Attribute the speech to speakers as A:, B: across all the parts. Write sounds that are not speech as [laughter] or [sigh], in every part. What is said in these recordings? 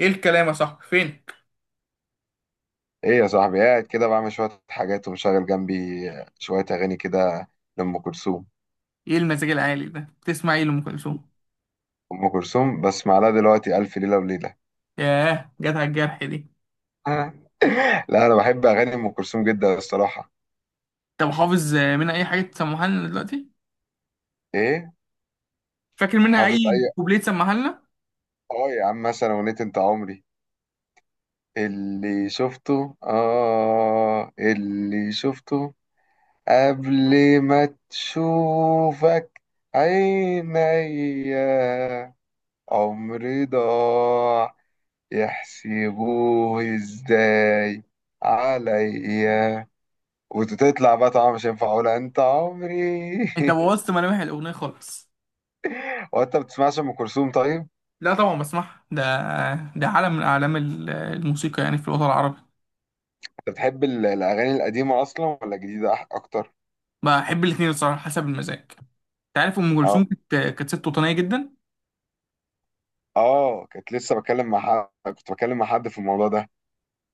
A: ايه الكلام يا صاحبي؟ فين؟
B: ايه يا صاحبي؟ قاعد كده بعمل شوية حاجات ومشغل جنبي شوية أغاني كده، لأم كلثوم.
A: ايه المزاج العالي ده؟ تسمع ايه لأم كلثوم؟
B: أم كلثوم بسمع لها دلوقتي ألف ليلة وليلة.
A: ياه، جت على الجرح دي.
B: آه. لا، أنا بحب أغاني أم كلثوم جدا الصراحة.
A: طب حافظ منها اي حاجة تسمعها لنا دلوقتي؟
B: ايه؟
A: فاكر منها
B: حافظ
A: اي
B: أي؟
A: كوبليه تسمعها لنا؟
B: اه يا عم، مثلا أغنية أنت عمري. اللي شفته قبل ما تشوفك عينيا، عمري ضاع يحسبوه ازاي عليا. وتطلع بقى، طبعا مش هينفع اقولها انت عمري.
A: انت
B: [laughs]
A: بوظت ملامح الأغنية خالص.
B: هو انت بتسمعش ام كلثوم طيب؟
A: لا طبعا بسمعها، ده ده عالم من أعلام الموسيقى يعني في الوطن العربي.
B: انت بتحب الاغاني القديمه اصلا ولا الجديده اكتر؟
A: بحب الاتنين الصراحة، حسب المزاج. انت عارف أم
B: اه،
A: كلثوم كانت ست وطنية جدا.
B: اه. كنت بتكلم مع حد في الموضوع ده.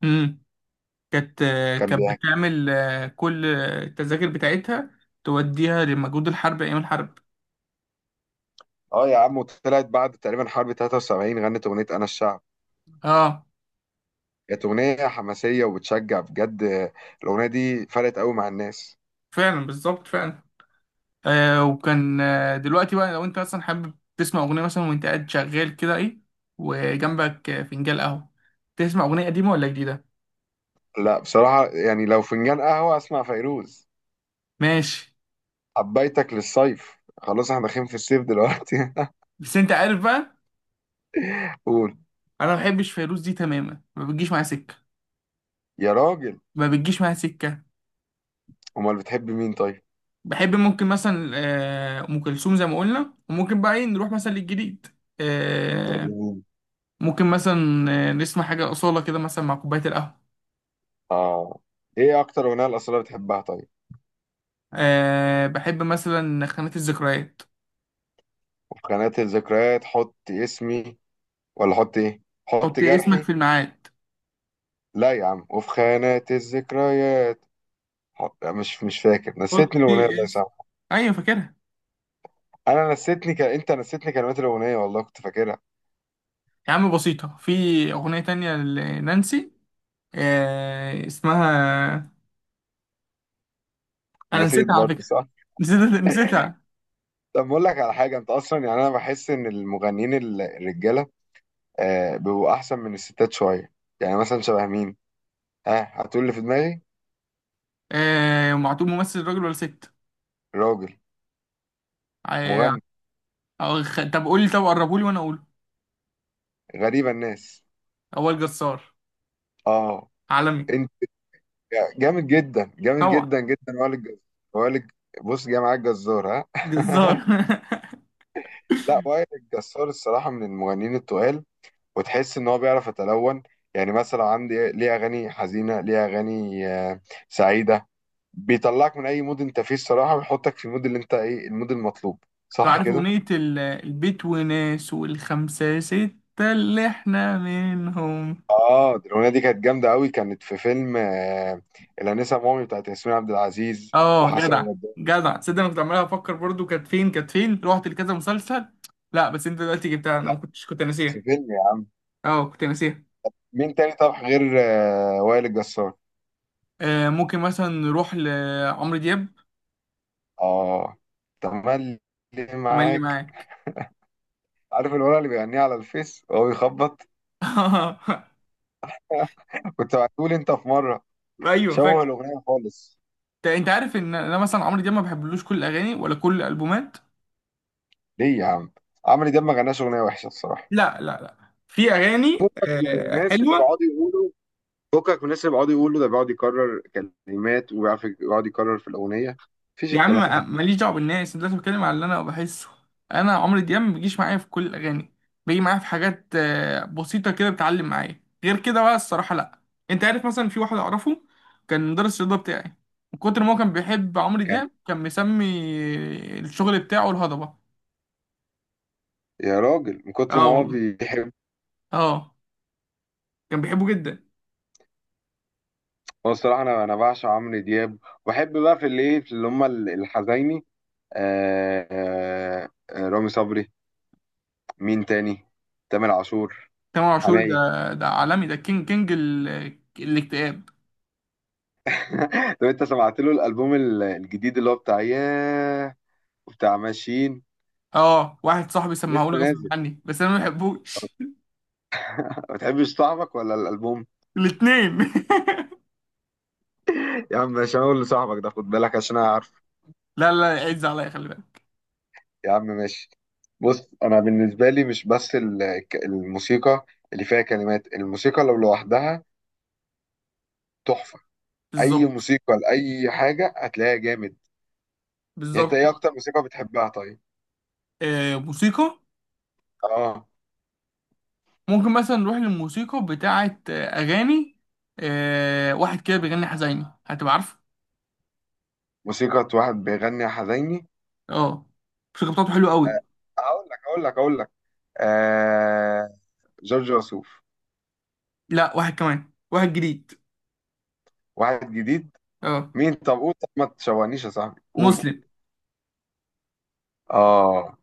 A: امم كانت
B: كان
A: كانت
B: بيحكي.
A: بتعمل كل التذاكر بتاعتها، توديها لمجهود الحرب أيام الحرب.
B: اه يا عم، وطلعت بعد تقريبا حرب 73 غنت اغنيه انا الشعب.
A: اه.
B: كانت اغنيه حماسيه وبتشجع بجد. الاغنيه دي فرقت قوي مع الناس.
A: فعلا بالظبط فعلا. آه وكان آه دلوقتي بقى، لو انت مثلا حابب تسمع اغنيه مثلا وانت قاعد شغال كده، ايه وجنبك فنجان قهوه؟ تسمع اغنيه قديمه ولا جديده؟
B: لا، بصراحه يعني لو فنجان قهوه اسمع فيروز.
A: ماشي.
B: حبيتك للصيف. خلاص احنا داخلين في الصيف دلوقتي.
A: بس انت عارف بقى.
B: [laughs] قول.
A: انا ما بحبش فيروز دي تماما، ما بتجيش معايا سكه.
B: يا راجل.
A: ما بتجيش معايا سكه.
B: امال بتحب مين طيب؟
A: بحب، ممكن مثلا ام كلثوم زي ما قلنا، وممكن بقى ايه نروح مثلا للجديد. آه.
B: مين؟
A: ممكن مثلا نسمع حاجه اصاله كده مثلا مع كوبايه القهوه.
B: اه. ايه اكتر اغنيه الاصاله بتحبها طيب؟
A: بحب مثلا خانات الذكريات.
B: وفي خانات الذكريات حط اسمي، ولا حط ايه؟ حط
A: حطي اسمك
B: جرحي؟
A: في الميعاد.
B: لا يا عم، وفي خانات الذكريات حط. لا، مش فاكر، نسيتني الاغنيه
A: حطي
B: الله
A: اسم.
B: يسامحك.
A: ايوه فاكرها.
B: انت نسيتني كلمات الاغنيه، والله كنت فاكرها.
A: يا عم بسيطة، في اغنية تانية لنانسي، اسمها. انا
B: نسيت
A: نسيتها على
B: برضه،
A: فكرة
B: صح؟
A: [laughs] نسيتها نسيتها.
B: طب بقول لك على حاجه. انت اصلا يعني انا بحس ان المغنيين الرجاله. آه، بيبقوا احسن من الستات شويه. يعني مثلا شبه مين؟ ها، هتقول اللي في دماغي؟
A: معتوب ممثل راجل ولا ست؟
B: راجل.
A: آه.
B: مغني.
A: طب قولي طب قربولي وانا اقوله.
B: غريبه الناس.
A: اول جزار.
B: اه.
A: عالمي.
B: انت جامد جدا، جامد
A: طبعا.
B: جدا جدا. وائل الجزار. وائل الج- بص، جاي معاك جزار؟ ها.
A: جزار.
B: [laughs] لا، وائل الجزار الصراحه من المغنيين التقال. وتحس ان هو بيعرف يتلون. يعني مثلا عندي ليه اغاني حزينه، ليه اغاني سعيده. بيطلعك من اي مود انت فيه الصراحه، ويحطك في المود، اللي انت ايه المود المطلوب.
A: [laughs] انتوا
B: صح
A: عارف
B: كده.
A: اغنية البيت وناس والخمسة ستة اللي احنا منهم.
B: اه، دي الاغنيه دي كانت جامده قوي. كانت في فيلم الانسه مومي بتاعت ياسمين عبد العزيز.
A: اه،
B: وحسن
A: جدع.
B: البدري.
A: جدع، تصدق انا كنت عمال افكر برضو، كانت فين كانت فين، رحت لكذا مسلسل. لا بس انت دلوقتي جبتها، انا
B: لا،
A: ما كنتش كنت
B: كانت
A: ناسيها.
B: في فيلم يعني.
A: اه، كنت ناسيها.
B: مين تاني طب غير وائل الجسار؟
A: ممكن مثلا نروح لعمرو دياب.
B: اه. تملي
A: تملي
B: معاك.
A: معاك.
B: عارف الولد اللي بيغنيها على الفيس وهو بيخبط؟
A: [laughs]
B: [laughs] كنت بعتهولي انت في مره.
A: ايوه
B: شوه
A: فاكر.
B: الاغنيه خالص.
A: انت عارف ان انا مثلا عمرو دياب ما بحبلوش كل الاغاني ولا كل الالبومات.
B: ليه يا عم؟ عمرو دياب ما غناش اغنيه وحشه الصراحه.
A: لا، لا، لا، في اغاني
B: فكك من الناس اللي
A: حلوه.
B: بيقعدوا يقولوا فكك من الناس اللي بيقعدوا يقولوا ده بيقعد يكرر كلمات. وبيعرف يقعد يكرر في الاغنيه، مفيش
A: يا عم
B: الكلام.
A: ماليش دعوه بالناس، أنا دلوقتي بتكلم على اللي انا بحسه. انا عمرو دياب ما بيجيش معايا في كل الاغاني. بيجي معايا في حاجات بسيطه كده، بتعلم معايا، غير كده بقى الصراحه لا. انت عارف مثلا في واحد اعرفه، كان مدرس الرياضه بتاعي، من كتر ما هو كان بيحب عمرو
B: كان.
A: دياب كان مسمي الشغل بتاعه الهضبه.
B: يا راجل، من كتر
A: اه
B: ما هو
A: والله.
B: بيحب.
A: اه. كان بيحبه جدا.
B: هو الصراحه انا بعشق عمرو دياب. وبحب بقى في الايه، في اللي هم الحزيني. رامي صبري. مين تاني؟ تامر عاشور.
A: تامر عاشور ده،
B: حماقي.
A: ده عالمي، ده كينج الاكتئاب.
B: [laughs] طب انت سمعت له الالبوم الجديد اللي هو بتاع ياه؟ وبتاع ماشيين؟
A: اه، واحد صاحبي
B: لسه
A: سمعهولي غصب
B: نازل.
A: عني بس انا ما بحبوش
B: [laughs]
A: [laughs]
B: ما بتحبش صاحبك ولا الالبوم؟
A: الاتنين [laughs]
B: [laughs] يا عم، مش هقول لصاحبك ده. خد بالك عشان انا عارف.
A: لا، لا، لا، عز عليا، خلي بالك.
B: يا عم ماشي. بص، انا بالنسبه لي مش بس الموسيقى اللي فيها كلمات. الموسيقى لو لوحدها تحفه. اي
A: بالظبط.
B: موسيقى لاي حاجه هتلاقيها جامد. يعني انت ايه
A: بالظبط.
B: اكتر موسيقى بتحبها طيب؟
A: آه، موسيقى.
B: اه.
A: ممكن مثلا نروح للموسيقى بتاعة أغاني. واحد كده بيغني حزيني، هتبقى عارفه.
B: موسيقى. واحد بيغني حزيني.
A: اه. الموسيقى بتاعته حلوة قوي.
B: اقول لك، اقول لك، اقول لك. آه. جورج وسوف.
A: لا، واحد كمان، واحد جديد.
B: واحد جديد؟
A: اه.
B: مين؟ طب قول، طب ما تشوهنيش يا صاحبي، قول.
A: مسلم.
B: اه.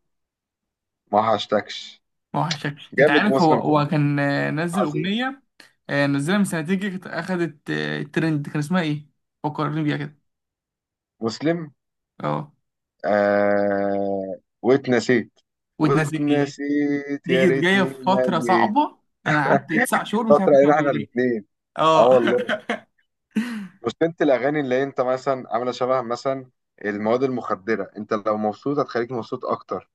B: ما هشتكش.
A: ما وحشك، انت
B: جامد
A: عارف، هو
B: مسلم، خد
A: هو
B: بالك،
A: كان نزل
B: عظيم.
A: أغنية. نزلها من سنتين كده، كانت أخدت ترند، كان اسمها إيه؟ فكرني بيها كده.
B: مسلم.
A: اه،
B: آه. واتنسيت.
A: وتنزل.
B: واتنسيت،
A: دي
B: يا
A: كانت جاية
B: ريتني
A: في
B: ما
A: فترة
B: جيت.
A: صعبة. أنا قعدت 9 شهور مش عارف
B: فترة
A: أسمع
B: علينا احنا
A: الأغنية.
B: الاثنين. اه
A: اه
B: والله.
A: [laughs]
B: بس انت الاغاني اللي انت مثلا عاملة شبه مثلا المواد المخدرة. انت لو مبسوط هتخليك مبسوط اكتر.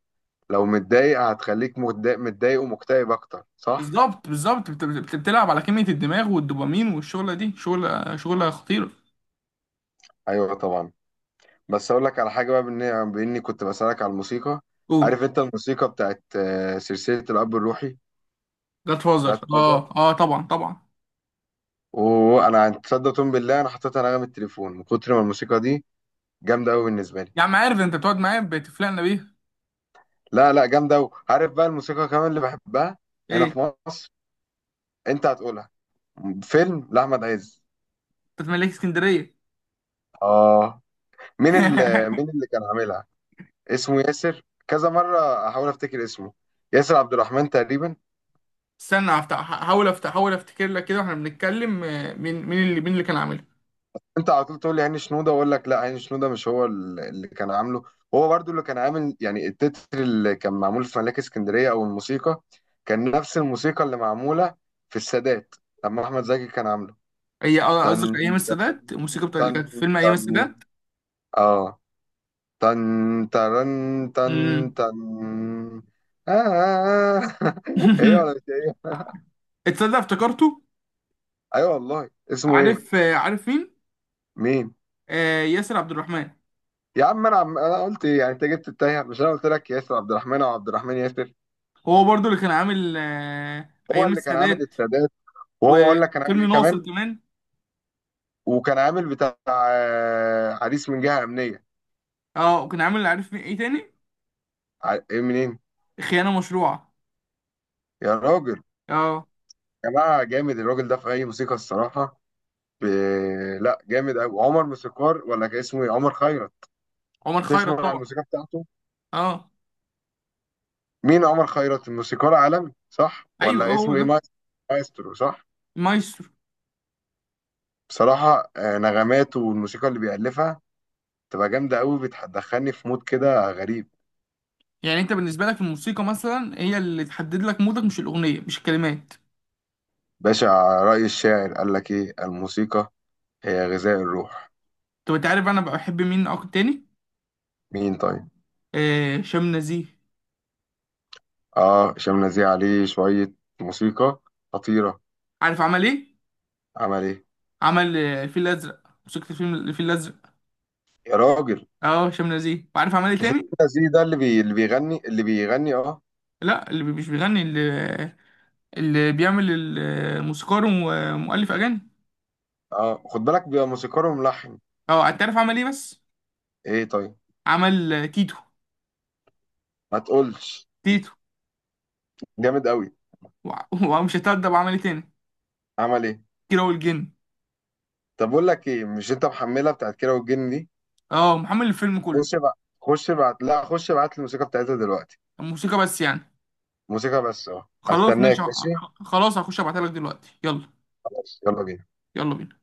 B: لو متضايق هتخليك متضايق، متضايق ومكتئب اكتر، صح؟
A: بالظبط بالظبط، بتلعب على كمية الدماغ والدوبامين، والشغلة دي شغلة شغلة خطيرة.
B: ايوه طبعا. بس اقول لك على حاجة بقى، بإني كنت بسألك على الموسيقى.
A: قول.
B: عارف انت الموسيقى بتاعت سلسلة الاب الروحي؟
A: جاد فازر،
B: جاد.
A: اه اه، طبعا طبعا.
B: وانا تصدق، تقوم بالله انا حطيتها نغمة التليفون من كتر ما الموسيقى دي جامدة قوي بالنسبة لي.
A: يا عم، عارف انت بتقعد معايا بتفلقنا بيها.
B: لا، لا، جامدة قوي. عارف بقى الموسيقى كمان اللي بحبها؟ هنا
A: ايه؟
B: في مصر. انت هتقولها. فيلم لأحمد عز.
A: انت ملاك اسكندرية.
B: اه. مين اللي مين
A: [laughs]
B: اللي كان عاملها؟ اسمه ياسر. كذا مرة احاول افتكر اسمه. ياسر عبد الرحمن تقريبا.
A: استنى، هفتح، هحاول افتح، احاول افتكر لك كده واحنا بنتكلم، مين اللي كان عاملها؟
B: انت على طول تقول لي عين شنودة، واقول لك لا، عين شنودة مش هو اللي كان عامله. هو برضو اللي كان عامل يعني التتر اللي كان معمول في ملاك اسكندرية، او الموسيقى. كان نفس الموسيقى اللي معمولة في السادات، لما احمد زكي كان عامله.
A: هي قصدك
B: تن،
A: ايام
B: تن،
A: السادات؟ الموسيقى بتاعت اللي كانت في
B: تن،
A: فيلم ايام
B: تن،
A: السادات.
B: اه، تن، ترن، تن،
A: امم.
B: تن. آه. [laughs] ايه، ولا مش
A: [laughs]
B: إيه؟
A: اتصدق افتكرته.
B: ايوه والله، اسمه ايه؟
A: عارف مين؟
B: مين؟
A: ياسر عبد الرحمن.
B: يا عم انا قلت ايه يعني، انت جبت التايه. مش انا قلت لك ياسر عبد الرحمن او عبد الرحمن ياسر؟
A: هو برضو اللي كان عامل
B: هو
A: ايام
B: اللي كان عامل
A: السادات
B: السادات. وهو اقول لك كان عامل
A: وفيلم
B: ايه
A: ناصر
B: كمان.
A: كمان.
B: وكان عامل بتاع عريس من جهه امنيه.
A: اه، وكان عامل، عارف مين ايه تاني؟
B: ايه منين؟
A: خيانة مشروعة.
B: يا راجل.
A: اه.
B: يا جماعه، جامد الراجل ده في اي موسيقى الصراحه. ب... لا، جامد قوي. عمر موسيقار، ولا كان اسمه ايه، عمر خيرت.
A: عمر خيرت
B: تسمع عن
A: طبعا.
B: الموسيقى بتاعته؟
A: اه.
B: مين عمر خيرت، الموسيقار عالمي، صح؟
A: ايوه اه،
B: ولا
A: هو
B: اسمه ايه،
A: ده.
B: مايسترو صح؟
A: مايسترو.
B: بصراحه، نغماته والموسيقى اللي بيألفها تبقى جامده قوي. بتدخلني في مود كده غريب.
A: يعني انت بالنسبة لك، الموسيقى مثلا هي اللي تحدد لك مودك، مش الأغنية مش الكلمات؟
B: باشا. رأي الشاعر، قال لك ايه؟ الموسيقى هي غذاء الروح.
A: طب انت عارف انا بحب مين اكتر تاني؟
B: مين طيب؟
A: هشام نزيه.
B: اه، هشام نزيه عليه شوية. موسيقى خطيرة.
A: عارف عمل ايه؟
B: عمل ايه؟
A: عمل الفيل الازرق، موسيقى الفيلم الفيل الازرق.
B: يا راجل.
A: اه، هشام نزيه. وعارف عمل ايه
B: مش هشام
A: تاني؟
B: نزيه ده اللي بيغني اه؟
A: لا، اللي مش بيغني، اللي بيعمل الموسيقار، ومؤلف اغاني.
B: اه، خد بالك، بيبقى موسيقار وملحن.
A: اه، انت عارف عمل ايه بس؟
B: ايه طيب؟
A: عمل تيتو.
B: ما تقولش.
A: تيتو.
B: جامد قوي.
A: وع- [laughs] ومش هتأدب، عمل ايه تاني؟
B: عمل ايه؟
A: كيرة والجن.
B: طب بقول لك ايه، مش انت محملها بتاعت كيرة والجن دي؟
A: اه، محمل الفيلم كله.
B: خش بقى، خش بعت لا خش بعت الموسيقى بتاعتها دلوقتي.
A: الموسيقى بس يعني.
B: موسيقى بس. اه،
A: خلاص ماشي،
B: هستناك. ماشي.
A: خلاص هخش ابعتها لك دلوقتي، يلا.
B: خلاص، يلا بينا.
A: يلا بينا.